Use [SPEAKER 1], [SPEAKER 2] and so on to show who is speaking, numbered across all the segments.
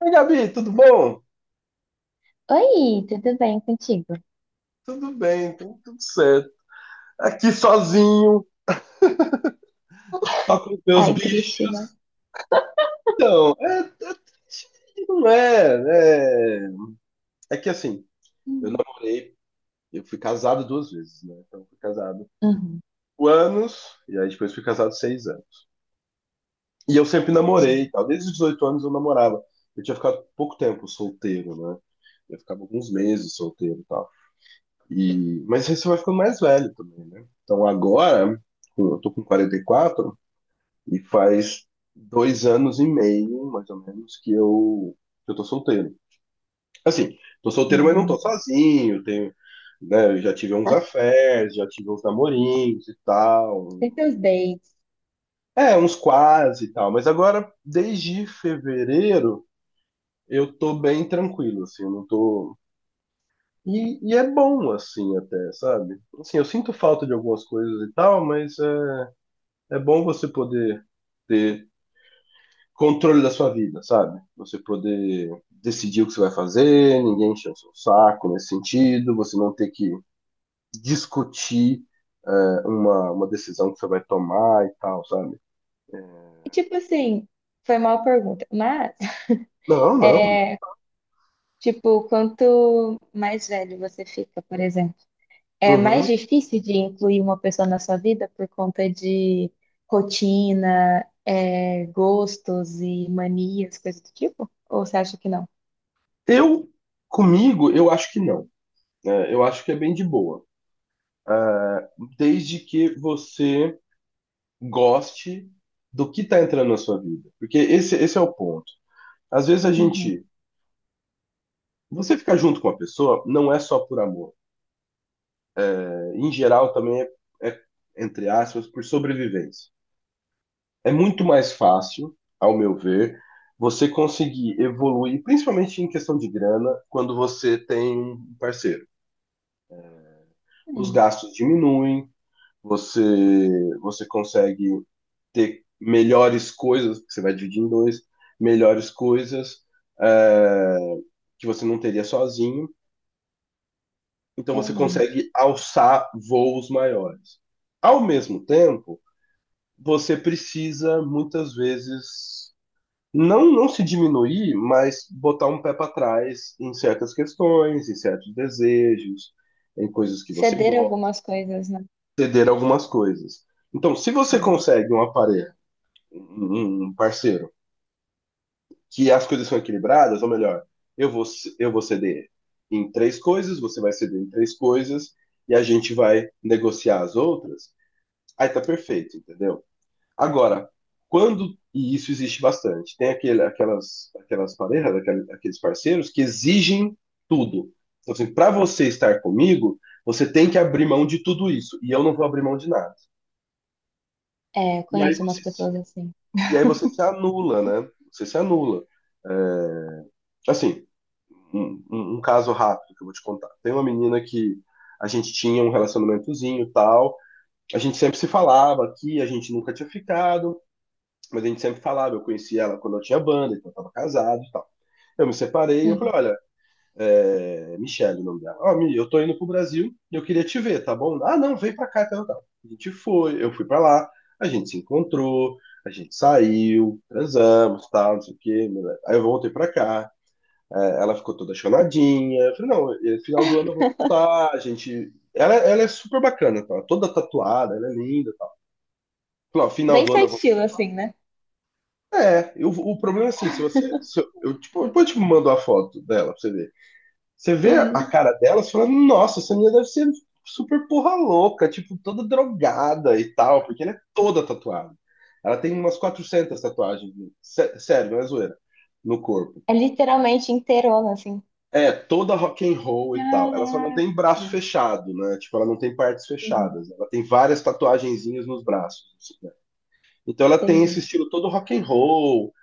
[SPEAKER 1] Oi, Gabi, tudo bom?
[SPEAKER 2] Oi, tudo bem contigo?
[SPEAKER 1] Tudo bem, então, tudo certo. Aqui sozinho, só com os meus
[SPEAKER 2] Ai,
[SPEAKER 1] bichos.
[SPEAKER 2] triste, né?
[SPEAKER 1] É, é triste, não é, é. É que assim, eu
[SPEAKER 2] Hum.
[SPEAKER 1] namorei, eu fui casado 2 vezes, né? Então, eu fui casado
[SPEAKER 2] Uhum,
[SPEAKER 1] por anos, e aí depois fui casado 6 anos. E eu sempre namorei, e
[SPEAKER 2] gente.
[SPEAKER 1] tal. Desde os 18 anos eu namorava. Eu tinha ficado pouco tempo solteiro, né? Eu ficava alguns meses solteiro e tal. Mas aí você vai ficando mais velho também, né? Então agora, eu tô com 44, e faz 2 anos e meio, mais ou menos, que eu tô solteiro. Assim, tô solteiro, mas não tô
[SPEAKER 2] Hum.
[SPEAKER 1] sozinho. Tenho, né, eu já tive uns
[SPEAKER 2] Tá.
[SPEAKER 1] affairs, já tive uns namorinhos e tal.
[SPEAKER 2] Tem seus dates.
[SPEAKER 1] É, uns quase e tal. Mas agora, desde fevereiro, eu tô bem tranquilo, assim, eu não tô. E, é bom, assim, até, sabe? Assim, eu sinto falta de algumas coisas e tal, mas é bom você poder ter controle da sua vida, sabe? Você poder decidir o que você vai fazer, ninguém encher o seu saco nesse sentido, você não ter que discutir é, uma decisão que você vai tomar e tal, sabe?
[SPEAKER 2] E, tipo assim, foi mal pergunta, mas,
[SPEAKER 1] Não, não, mano.
[SPEAKER 2] tipo, quanto mais velho você fica, por exemplo, é mais
[SPEAKER 1] Uhum.
[SPEAKER 2] difícil de incluir uma pessoa na sua vida por conta de rotina, gostos e manias, coisas do tipo? Ou você acha que não?
[SPEAKER 1] Eu, comigo, eu acho que não. É, eu acho que é bem de boa. É, desde que você goste do que tá entrando na sua vida. Porque esse é o ponto. Às vezes a
[SPEAKER 2] Uhum.
[SPEAKER 1] gente. Você ficar junto com uma pessoa não é só por amor. Em geral também é, entre aspas, por sobrevivência. É muito mais fácil, ao meu ver, você conseguir evoluir, principalmente em questão de grana, quando você tem um parceiro. Os
[SPEAKER 2] Hum,
[SPEAKER 1] gastos diminuem, você, você consegue ter melhores coisas, que você vai dividir em dois, melhores coisas é, que você não teria sozinho, então você
[SPEAKER 2] realmente.
[SPEAKER 1] consegue alçar voos maiores. Ao mesmo tempo, você precisa muitas vezes não se diminuir, mas botar um pé para trás em certas questões, em certos desejos, em coisas que você
[SPEAKER 2] Ceder
[SPEAKER 1] gosta,
[SPEAKER 2] algumas coisas, né?
[SPEAKER 1] ceder algumas coisas. Então, se você
[SPEAKER 2] Hum.
[SPEAKER 1] consegue uma parelha, um parceiro, que as coisas são equilibradas, ou melhor, eu vou eu vou ceder em três coisas, você vai ceder em três coisas e a gente vai negociar as outras. Aí tá perfeito, entendeu? Agora, quando, e isso existe bastante, tem aquelas parejas, aqueles parceiros que exigem tudo. Então, assim, para você estar comigo, você tem que abrir mão de tudo isso, e eu não vou abrir mão de nada.
[SPEAKER 2] É,
[SPEAKER 1] E aí
[SPEAKER 2] conheço umas
[SPEAKER 1] você, se-
[SPEAKER 2] pessoas assim.
[SPEAKER 1] e aí você se anula, né? Você se anula. É, assim, um caso rápido que eu vou te contar. Tem uma menina que a gente tinha um relacionamentozinho e tal, a gente sempre se falava aqui, a gente nunca tinha ficado. Mas a gente sempre falava, eu conheci ela quando eu tinha banda, então eu tava casado e tal. Eu me separei e eu falei,
[SPEAKER 2] Uhum.
[SPEAKER 1] olha, é... Michelle o nome dela. Ó, Mi, eu tô indo pro Brasil e eu queria te ver, tá bom? Ah, não, vem pra cá, tal, tal. A gente foi, eu fui pra lá, a gente se encontrou, a gente saiu, transamos, tal, não sei o quê. Aí eu voltei pra cá, é, ela ficou toda chonadinha. Eu falei, não, no final do ano eu vou voltar, a gente... Ela é super bacana, tá? Toda tatuada, ela é linda. Tá? Final
[SPEAKER 2] Bem
[SPEAKER 1] do
[SPEAKER 2] seu
[SPEAKER 1] ano eu vou.
[SPEAKER 2] estilo, assim, né?
[SPEAKER 1] É, eu... o problema é assim, se você. Se eu, tipo, depois eu te mando a foto dela pra você ver. Você vê a
[SPEAKER 2] Hum.
[SPEAKER 1] cara dela, você fala, nossa, essa menina deve ser super porra louca, tipo, toda drogada e tal, porque ela é toda tatuada. Ela tem umas 400 tatuagens, sério, não é zoeira, no corpo.
[SPEAKER 2] É literalmente inteirona, assim.
[SPEAKER 1] É, toda rock and roll e tal. Ela só não
[SPEAKER 2] Caraca.
[SPEAKER 1] tem braço fechado, né? Tipo, ela não tem partes
[SPEAKER 2] Uhum.
[SPEAKER 1] fechadas. Ela tem várias tatuagenzinhas nos braços. Assim, né? Então ela tem esse
[SPEAKER 2] Entendi.
[SPEAKER 1] estilo todo rock and roll.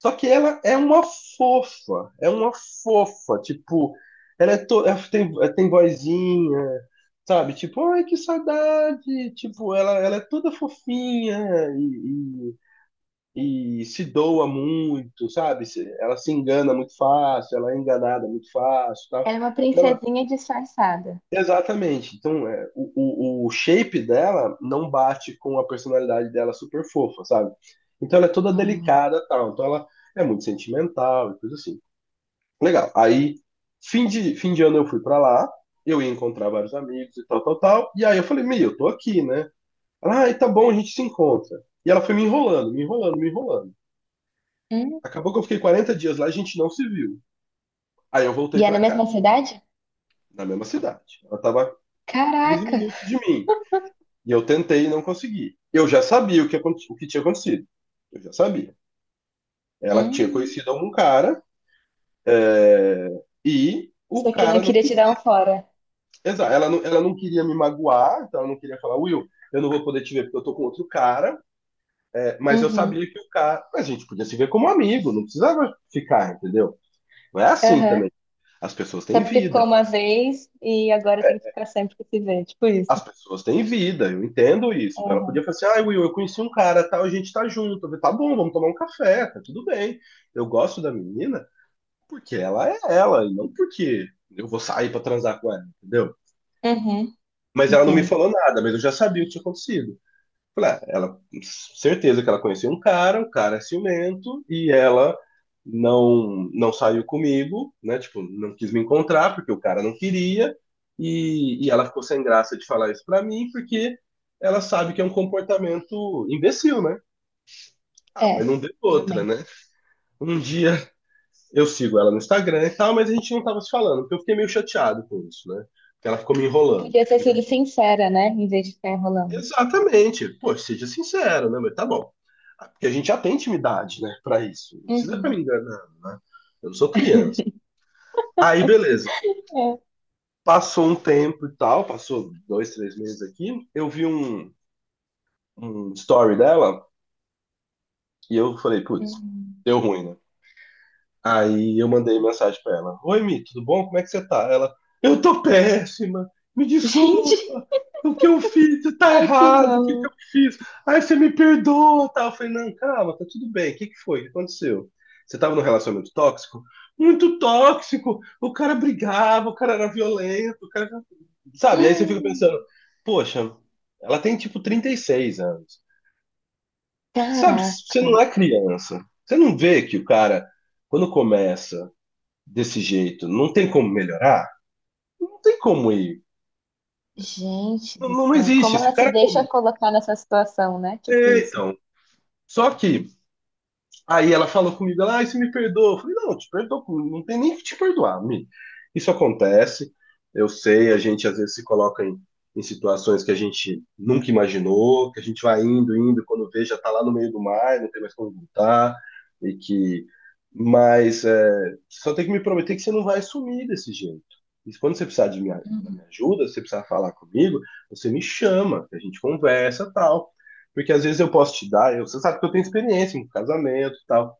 [SPEAKER 1] Só que ela é uma fofa, tipo, ela é to... ela tem vozinha, sabe? Tipo, ai, que saudade, tipo, ela é toda fofinha e, e se doa muito, sabe? Se... ela se engana muito fácil, ela é enganada muito fácil, tal.
[SPEAKER 2] Ela é uma
[SPEAKER 1] Então,
[SPEAKER 2] princesinha disfarçada.
[SPEAKER 1] exatamente. Então, é, o shape dela não bate com a personalidade dela super fofa, sabe? Então ela é toda
[SPEAKER 2] Hum.
[SPEAKER 1] delicada, tal. Então ela é muito sentimental e coisa assim. Legal. Aí, fim de ano eu fui pra lá, eu ia encontrar vários amigos e tal, tal, tal. E aí eu falei, meu, eu tô aqui, né? Ela, ah, tá bom, a gente se encontra. E ela foi me enrolando, me enrolando, me enrolando.
[SPEAKER 2] Hum?
[SPEAKER 1] Acabou que eu fiquei 40 dias lá, e a gente não se viu. Aí eu
[SPEAKER 2] E
[SPEAKER 1] voltei
[SPEAKER 2] é
[SPEAKER 1] pra
[SPEAKER 2] na
[SPEAKER 1] cá,
[SPEAKER 2] mesma cidade?
[SPEAKER 1] na mesma cidade. Ela tava 15
[SPEAKER 2] Caraca!
[SPEAKER 1] minutos de mim. E eu tentei e não consegui. Eu já sabia o que tinha acontecido. Eu já sabia. Ela tinha
[SPEAKER 2] Hum.
[SPEAKER 1] conhecido algum cara, é, e
[SPEAKER 2] Isso
[SPEAKER 1] o
[SPEAKER 2] aqui
[SPEAKER 1] cara
[SPEAKER 2] não
[SPEAKER 1] não
[SPEAKER 2] queria te
[SPEAKER 1] queria.
[SPEAKER 2] dar um fora.
[SPEAKER 1] Exato, ela não queria me magoar, então ela não queria falar, Will, eu não vou poder te ver porque eu tô com outro cara, é, mas eu
[SPEAKER 2] Uhum.
[SPEAKER 1] sabia que o cara. A gente podia se ver como amigo, não precisava ficar, entendeu? Não é assim
[SPEAKER 2] Aham.
[SPEAKER 1] também. As pessoas
[SPEAKER 2] Só
[SPEAKER 1] têm
[SPEAKER 2] porque
[SPEAKER 1] vida.
[SPEAKER 2] ficou uma vez e agora tem que ficar sempre que se vê. Tipo isso.
[SPEAKER 1] As pessoas têm vida, eu entendo isso. Então ela podia
[SPEAKER 2] Aham.
[SPEAKER 1] falar assim: ah, Will, eu conheci um cara, tal, a gente tá junto. Eu falei, tá bom, vamos tomar um café, tá tudo bem. Eu gosto da menina porque ela é ela, e não porque eu vou sair pra transar com ela, entendeu?
[SPEAKER 2] Uhum.
[SPEAKER 1] Mas ela não me
[SPEAKER 2] Entendo.
[SPEAKER 1] falou nada, mas eu já sabia o que tinha acontecido. Falei, ah, ela, certeza que ela conhecia um cara, o cara é ciumento, e ela não saiu comigo, né? Tipo, não quis me encontrar porque o cara não queria, e ela ficou sem graça de falar isso pra mim, porque ela sabe que é um comportamento imbecil, né? Ah, mas
[SPEAKER 2] É,
[SPEAKER 1] não deu outra, né?
[SPEAKER 2] realmente.
[SPEAKER 1] Um dia eu sigo ela no Instagram e tal, mas a gente não tava se falando, porque eu fiquei meio chateado com isso, né? Porque ela ficou me enrolando.
[SPEAKER 2] Podia ter sido sincera, né? Em vez de ficar enrolando.
[SPEAKER 1] Exatamente. Pô, seja sincero, né? Mas tá bom. Ah, porque a gente já tem intimidade, né, pra isso. Não precisa ficar me
[SPEAKER 2] Uhum.
[SPEAKER 1] enganando, né? Eu não sou criança. Aí, beleza.
[SPEAKER 2] É.
[SPEAKER 1] Passou um tempo e tal, passou 2, 3 meses aqui. Eu vi um story dela e eu falei, putz,
[SPEAKER 2] Uhum.
[SPEAKER 1] deu ruim, né? Aí eu mandei mensagem pra ela: oi, Mi, tudo bom? Como é que você tá? Ela: eu tô péssima, me
[SPEAKER 2] Gente,
[SPEAKER 1] desculpa, o que eu fiz tá
[SPEAKER 2] ai que
[SPEAKER 1] errado,
[SPEAKER 2] dó.
[SPEAKER 1] o que que eu fiz? Aí você me perdoa, tal. Eu falei: não, calma, tá tudo bem, o que que foi? O que aconteceu? Você tava num relacionamento tóxico? Muito tóxico, o cara brigava, o cara era violento, o cara. Sabe? Aí você fica pensando: poxa, ela tem tipo 36 anos. Sabe, você
[SPEAKER 2] Caraca,
[SPEAKER 1] não é criança. Você não vê que o cara, quando começa desse jeito, não tem como melhorar? Não tem como ir.
[SPEAKER 2] gente
[SPEAKER 1] Não,
[SPEAKER 2] do
[SPEAKER 1] não
[SPEAKER 2] céu.
[SPEAKER 1] existe
[SPEAKER 2] Como
[SPEAKER 1] esse
[SPEAKER 2] ela se
[SPEAKER 1] cara.
[SPEAKER 2] deixa colocar nessa situação, né? Tipo
[SPEAKER 1] É,
[SPEAKER 2] isso.
[SPEAKER 1] então. Só que... Aí ela falou comigo, ela, ai, você me perdoa. Eu falei, não, te perdoo, não tem nem que te perdoar, Mi. Isso acontece, eu sei, a gente às vezes se coloca em, em situações que a gente nunca imaginou, que a gente vai indo, indo, quando vê, já tá lá no meio do mar, não tem mais como voltar, e que. Mas é, só tem que me prometer que você não vai sumir desse jeito. E quando você precisar de minha, da minha
[SPEAKER 2] Uhum.
[SPEAKER 1] ajuda, se você precisar falar comigo, você me chama, a gente conversa tal. Porque às vezes eu posso te dar, eu, você sabe que eu tenho experiência em casamento e tal.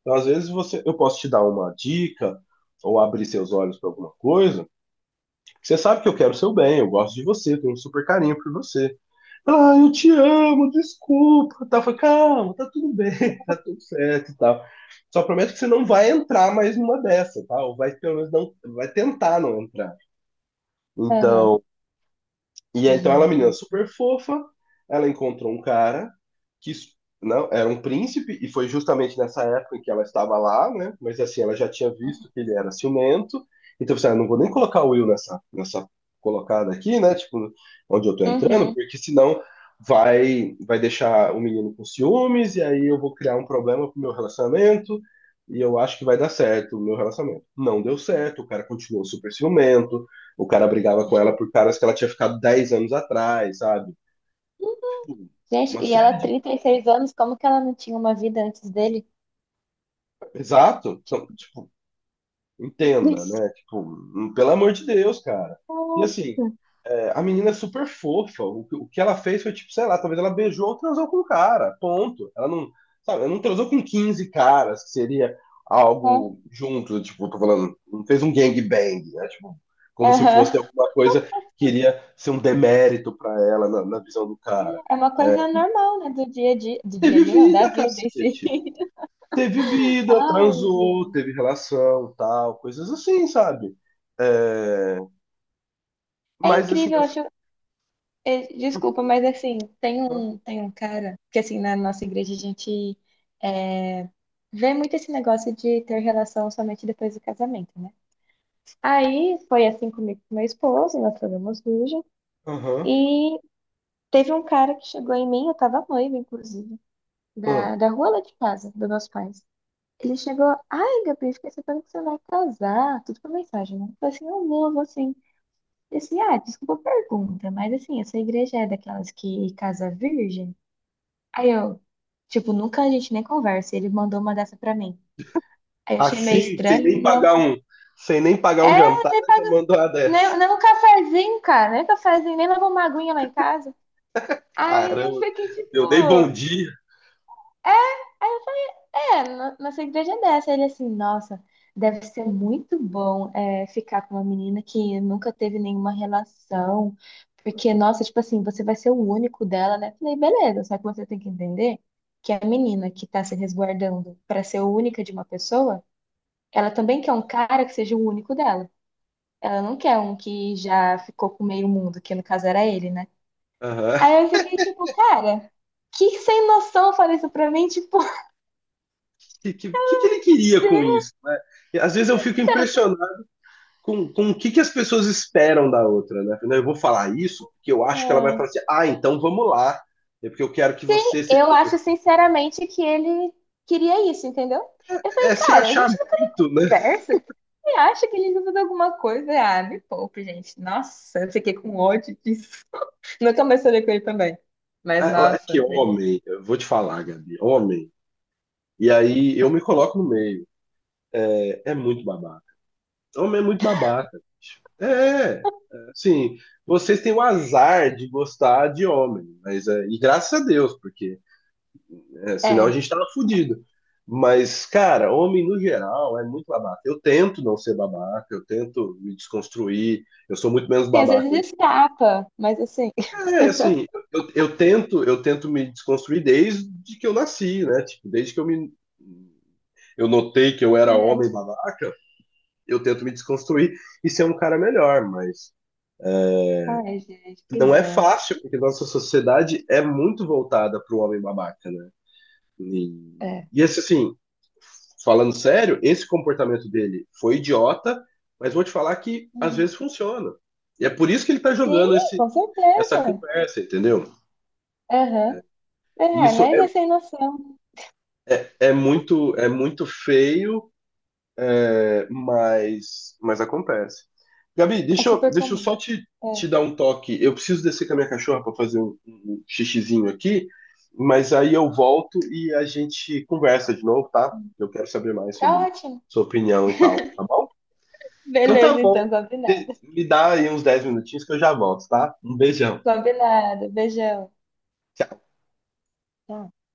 [SPEAKER 1] Então, às vezes você, eu posso te dar uma dica ou abrir seus olhos para alguma coisa. Você sabe que eu quero o seu bem, eu gosto de você, tenho um super carinho por você. Ah, eu te amo, desculpa. Tá, foi calma, tá tudo bem, tá tudo certo e tal. Só prometo que você não vai entrar mais numa dessa, tá? Ou vai pelo menos não vai tentar não entrar.
[SPEAKER 2] Aham.
[SPEAKER 1] Então, e aí, então ela é uma menina
[SPEAKER 2] Gente.
[SPEAKER 1] super fofa, ela encontrou um cara que não era um príncipe, e foi justamente nessa época em que ela estava lá, né? Mas assim, ela já tinha visto que ele era ciumento, então você, ah, não vou nem colocar o Will nessa, nessa colocada aqui, né? Tipo, onde eu tô entrando,
[SPEAKER 2] Uhum.
[SPEAKER 1] porque senão vai, vai deixar o menino com ciúmes, e aí eu vou criar um problema pro meu relacionamento, e eu acho que vai dar certo o meu relacionamento. Não deu certo, o cara continuou super ciumento, o cara brigava com
[SPEAKER 2] Ge-
[SPEAKER 1] ela por caras que ela tinha ficado 10 anos atrás, sabe? Tipo,
[SPEAKER 2] Gente,
[SPEAKER 1] uma
[SPEAKER 2] e ela
[SPEAKER 1] série de.
[SPEAKER 2] 36 anos, como que ela não tinha uma vida antes dele?
[SPEAKER 1] Exato. Então,
[SPEAKER 2] Tipo,
[SPEAKER 1] tipo, entenda,
[SPEAKER 2] isso.
[SPEAKER 1] né? Tipo, pelo amor de Deus, cara. E assim, é, a menina é super fofa. O, que... o que ela fez foi, tipo, sei lá, talvez ela beijou ou transou com o cara. Ponto. Ela não. Sabe, ela não transou com 15 caras, que seria
[SPEAKER 2] É,
[SPEAKER 1] algo junto, tipo, tô falando, não fez um gangbang, né? Tipo, como se
[SPEAKER 2] aham.
[SPEAKER 1] fosse alguma coisa que iria ser um demérito pra ela na na visão do cara.
[SPEAKER 2] É uma coisa normal, né? Do dia a dia. Do dia a
[SPEAKER 1] Teve
[SPEAKER 2] dia, não, da
[SPEAKER 1] vida,
[SPEAKER 2] vida em si.
[SPEAKER 1] cacete. Teve vida,
[SPEAKER 2] Ai,
[SPEAKER 1] transou,
[SPEAKER 2] gente.
[SPEAKER 1] teve relação, tal, coisas assim, sabe? É,
[SPEAKER 2] É
[SPEAKER 1] mas assim,
[SPEAKER 2] incrível,
[SPEAKER 1] eu.
[SPEAKER 2] eu acho. É, desculpa, mas assim, tem
[SPEAKER 1] Aham,
[SPEAKER 2] um, tem um cara que assim, na nossa igreja a gente é, vê muito esse negócio de ter relação somente depois do casamento, né? Aí foi assim comigo e com meu esposo, nós fomos virgem,
[SPEAKER 1] aham,
[SPEAKER 2] e teve um cara que chegou em mim, eu tava noiva, inclusive,
[SPEAKER 1] aham.
[SPEAKER 2] da,
[SPEAKER 1] Hum.
[SPEAKER 2] da rua lá de casa, dos meus pais. Ele chegou, ai, Gabi, fiquei sabendo que você vai casar, tudo por mensagem, né? Eu falei assim, eu vou sim. Ele disse, assim, ah, desculpa a pergunta, mas assim, essa igreja é daquelas que casa virgem? Aí eu, tipo, nunca a gente nem conversa. E ele mandou uma dessa pra mim. Aí eu achei meio
[SPEAKER 1] Assim, sem
[SPEAKER 2] estranho,
[SPEAKER 1] nem
[SPEAKER 2] né?
[SPEAKER 1] pagar um, sem nem pagar
[SPEAKER 2] É,
[SPEAKER 1] um jantar,
[SPEAKER 2] nem
[SPEAKER 1] já
[SPEAKER 2] paga,
[SPEAKER 1] mandou uma dessa.
[SPEAKER 2] nem um cafezinho, cara. Nem cafezinho, nem levou uma aguinha lá em casa. Aí eu
[SPEAKER 1] Caramba,
[SPEAKER 2] fiquei tipo,
[SPEAKER 1] eu dei bom dia.
[SPEAKER 2] é, é nossa igreja é dessa. Ele assim, nossa, deve ser muito bom ficar com uma menina que nunca teve nenhuma relação, porque, nossa, tipo assim, você vai ser o único dela, né? Falei, beleza, só que você tem que entender que a menina que tá se resguardando pra ser única de uma pessoa, ela também quer um cara que seja o único dela. Ela não quer um que já ficou com meio mundo, que no caso era ele, né?
[SPEAKER 1] Aham.
[SPEAKER 2] Aí eu
[SPEAKER 1] O
[SPEAKER 2] fiquei tipo, cara, que sem noção fala isso pra mim, tipo,
[SPEAKER 1] que que ele queria com isso, né? E, às vezes eu fico
[SPEAKER 2] então,
[SPEAKER 1] impressionado com o que as pessoas esperam da outra, né? Eu vou falar isso porque eu acho que ela vai falar assim, ah, então vamos lá, é porque eu quero que você seja...
[SPEAKER 2] eu acho, sinceramente, que ele queria isso, entendeu? Eu falei,
[SPEAKER 1] É se
[SPEAKER 2] cara, a
[SPEAKER 1] achar
[SPEAKER 2] gente nunca
[SPEAKER 1] muito, né?
[SPEAKER 2] conversa. Você acha que ele usa de alguma coisa? Ah, me poupe, gente. Nossa, eu fiquei com ódio disso. Nunca mais falei com ele também. Mas,
[SPEAKER 1] É que
[SPEAKER 2] nossa, ele...
[SPEAKER 1] homem, eu vou te falar, Gabi, homem, e aí eu me coloco no meio, é, é muito babaca. Homem é muito babaca, bicho. É, assim, vocês têm o azar de gostar de homem, mas é, e graças a Deus, porque é, senão a
[SPEAKER 2] É.
[SPEAKER 1] gente tava fudido. Mas, cara, homem no geral é muito babaca. Eu tento não ser babaca, eu tento me desconstruir, eu sou muito menos
[SPEAKER 2] Sim, às
[SPEAKER 1] babaca
[SPEAKER 2] vezes
[SPEAKER 1] hoje em dia.
[SPEAKER 2] escapa, mas assim...
[SPEAKER 1] É, assim, eu tento me desconstruir desde que eu nasci, né? Tipo, desde que eu notei que eu era
[SPEAKER 2] É.
[SPEAKER 1] homem babaca, eu tento me desconstruir e ser um cara melhor, mas
[SPEAKER 2] Ai, gente, que
[SPEAKER 1] não é
[SPEAKER 2] dó.
[SPEAKER 1] fácil, porque nossa sociedade é muito voltada para o homem babaca, né?
[SPEAKER 2] É.
[SPEAKER 1] E assim, falando sério, esse comportamento dele foi idiota, mas vou te falar que às
[SPEAKER 2] Uhum.
[SPEAKER 1] vezes funciona. E é por isso que ele tá
[SPEAKER 2] Sim,
[SPEAKER 1] jogando
[SPEAKER 2] com
[SPEAKER 1] essa
[SPEAKER 2] certeza.
[SPEAKER 1] conversa, entendeu?
[SPEAKER 2] Aham. É,
[SPEAKER 1] Isso
[SPEAKER 2] mas é sem noção.
[SPEAKER 1] é muito feio, é, mas acontece. Gabi,
[SPEAKER 2] É
[SPEAKER 1] deixa eu,
[SPEAKER 2] super
[SPEAKER 1] deixa eu
[SPEAKER 2] comum.
[SPEAKER 1] só te,
[SPEAKER 2] É.
[SPEAKER 1] te dar um toque. Eu preciso descer com a minha cachorra para fazer um xixizinho aqui, mas aí eu volto e a gente conversa de novo, tá? Eu quero saber mais
[SPEAKER 2] Tá
[SPEAKER 1] sobre
[SPEAKER 2] ótimo.
[SPEAKER 1] sua opinião e tal, tá bom? Então tá
[SPEAKER 2] Beleza,
[SPEAKER 1] bom.
[SPEAKER 2] então,
[SPEAKER 1] De...
[SPEAKER 2] combinado.
[SPEAKER 1] me dá aí uns 10 minutinhos que eu já volto, tá? Um beijão.
[SPEAKER 2] Combinado. Beijão. Tchau.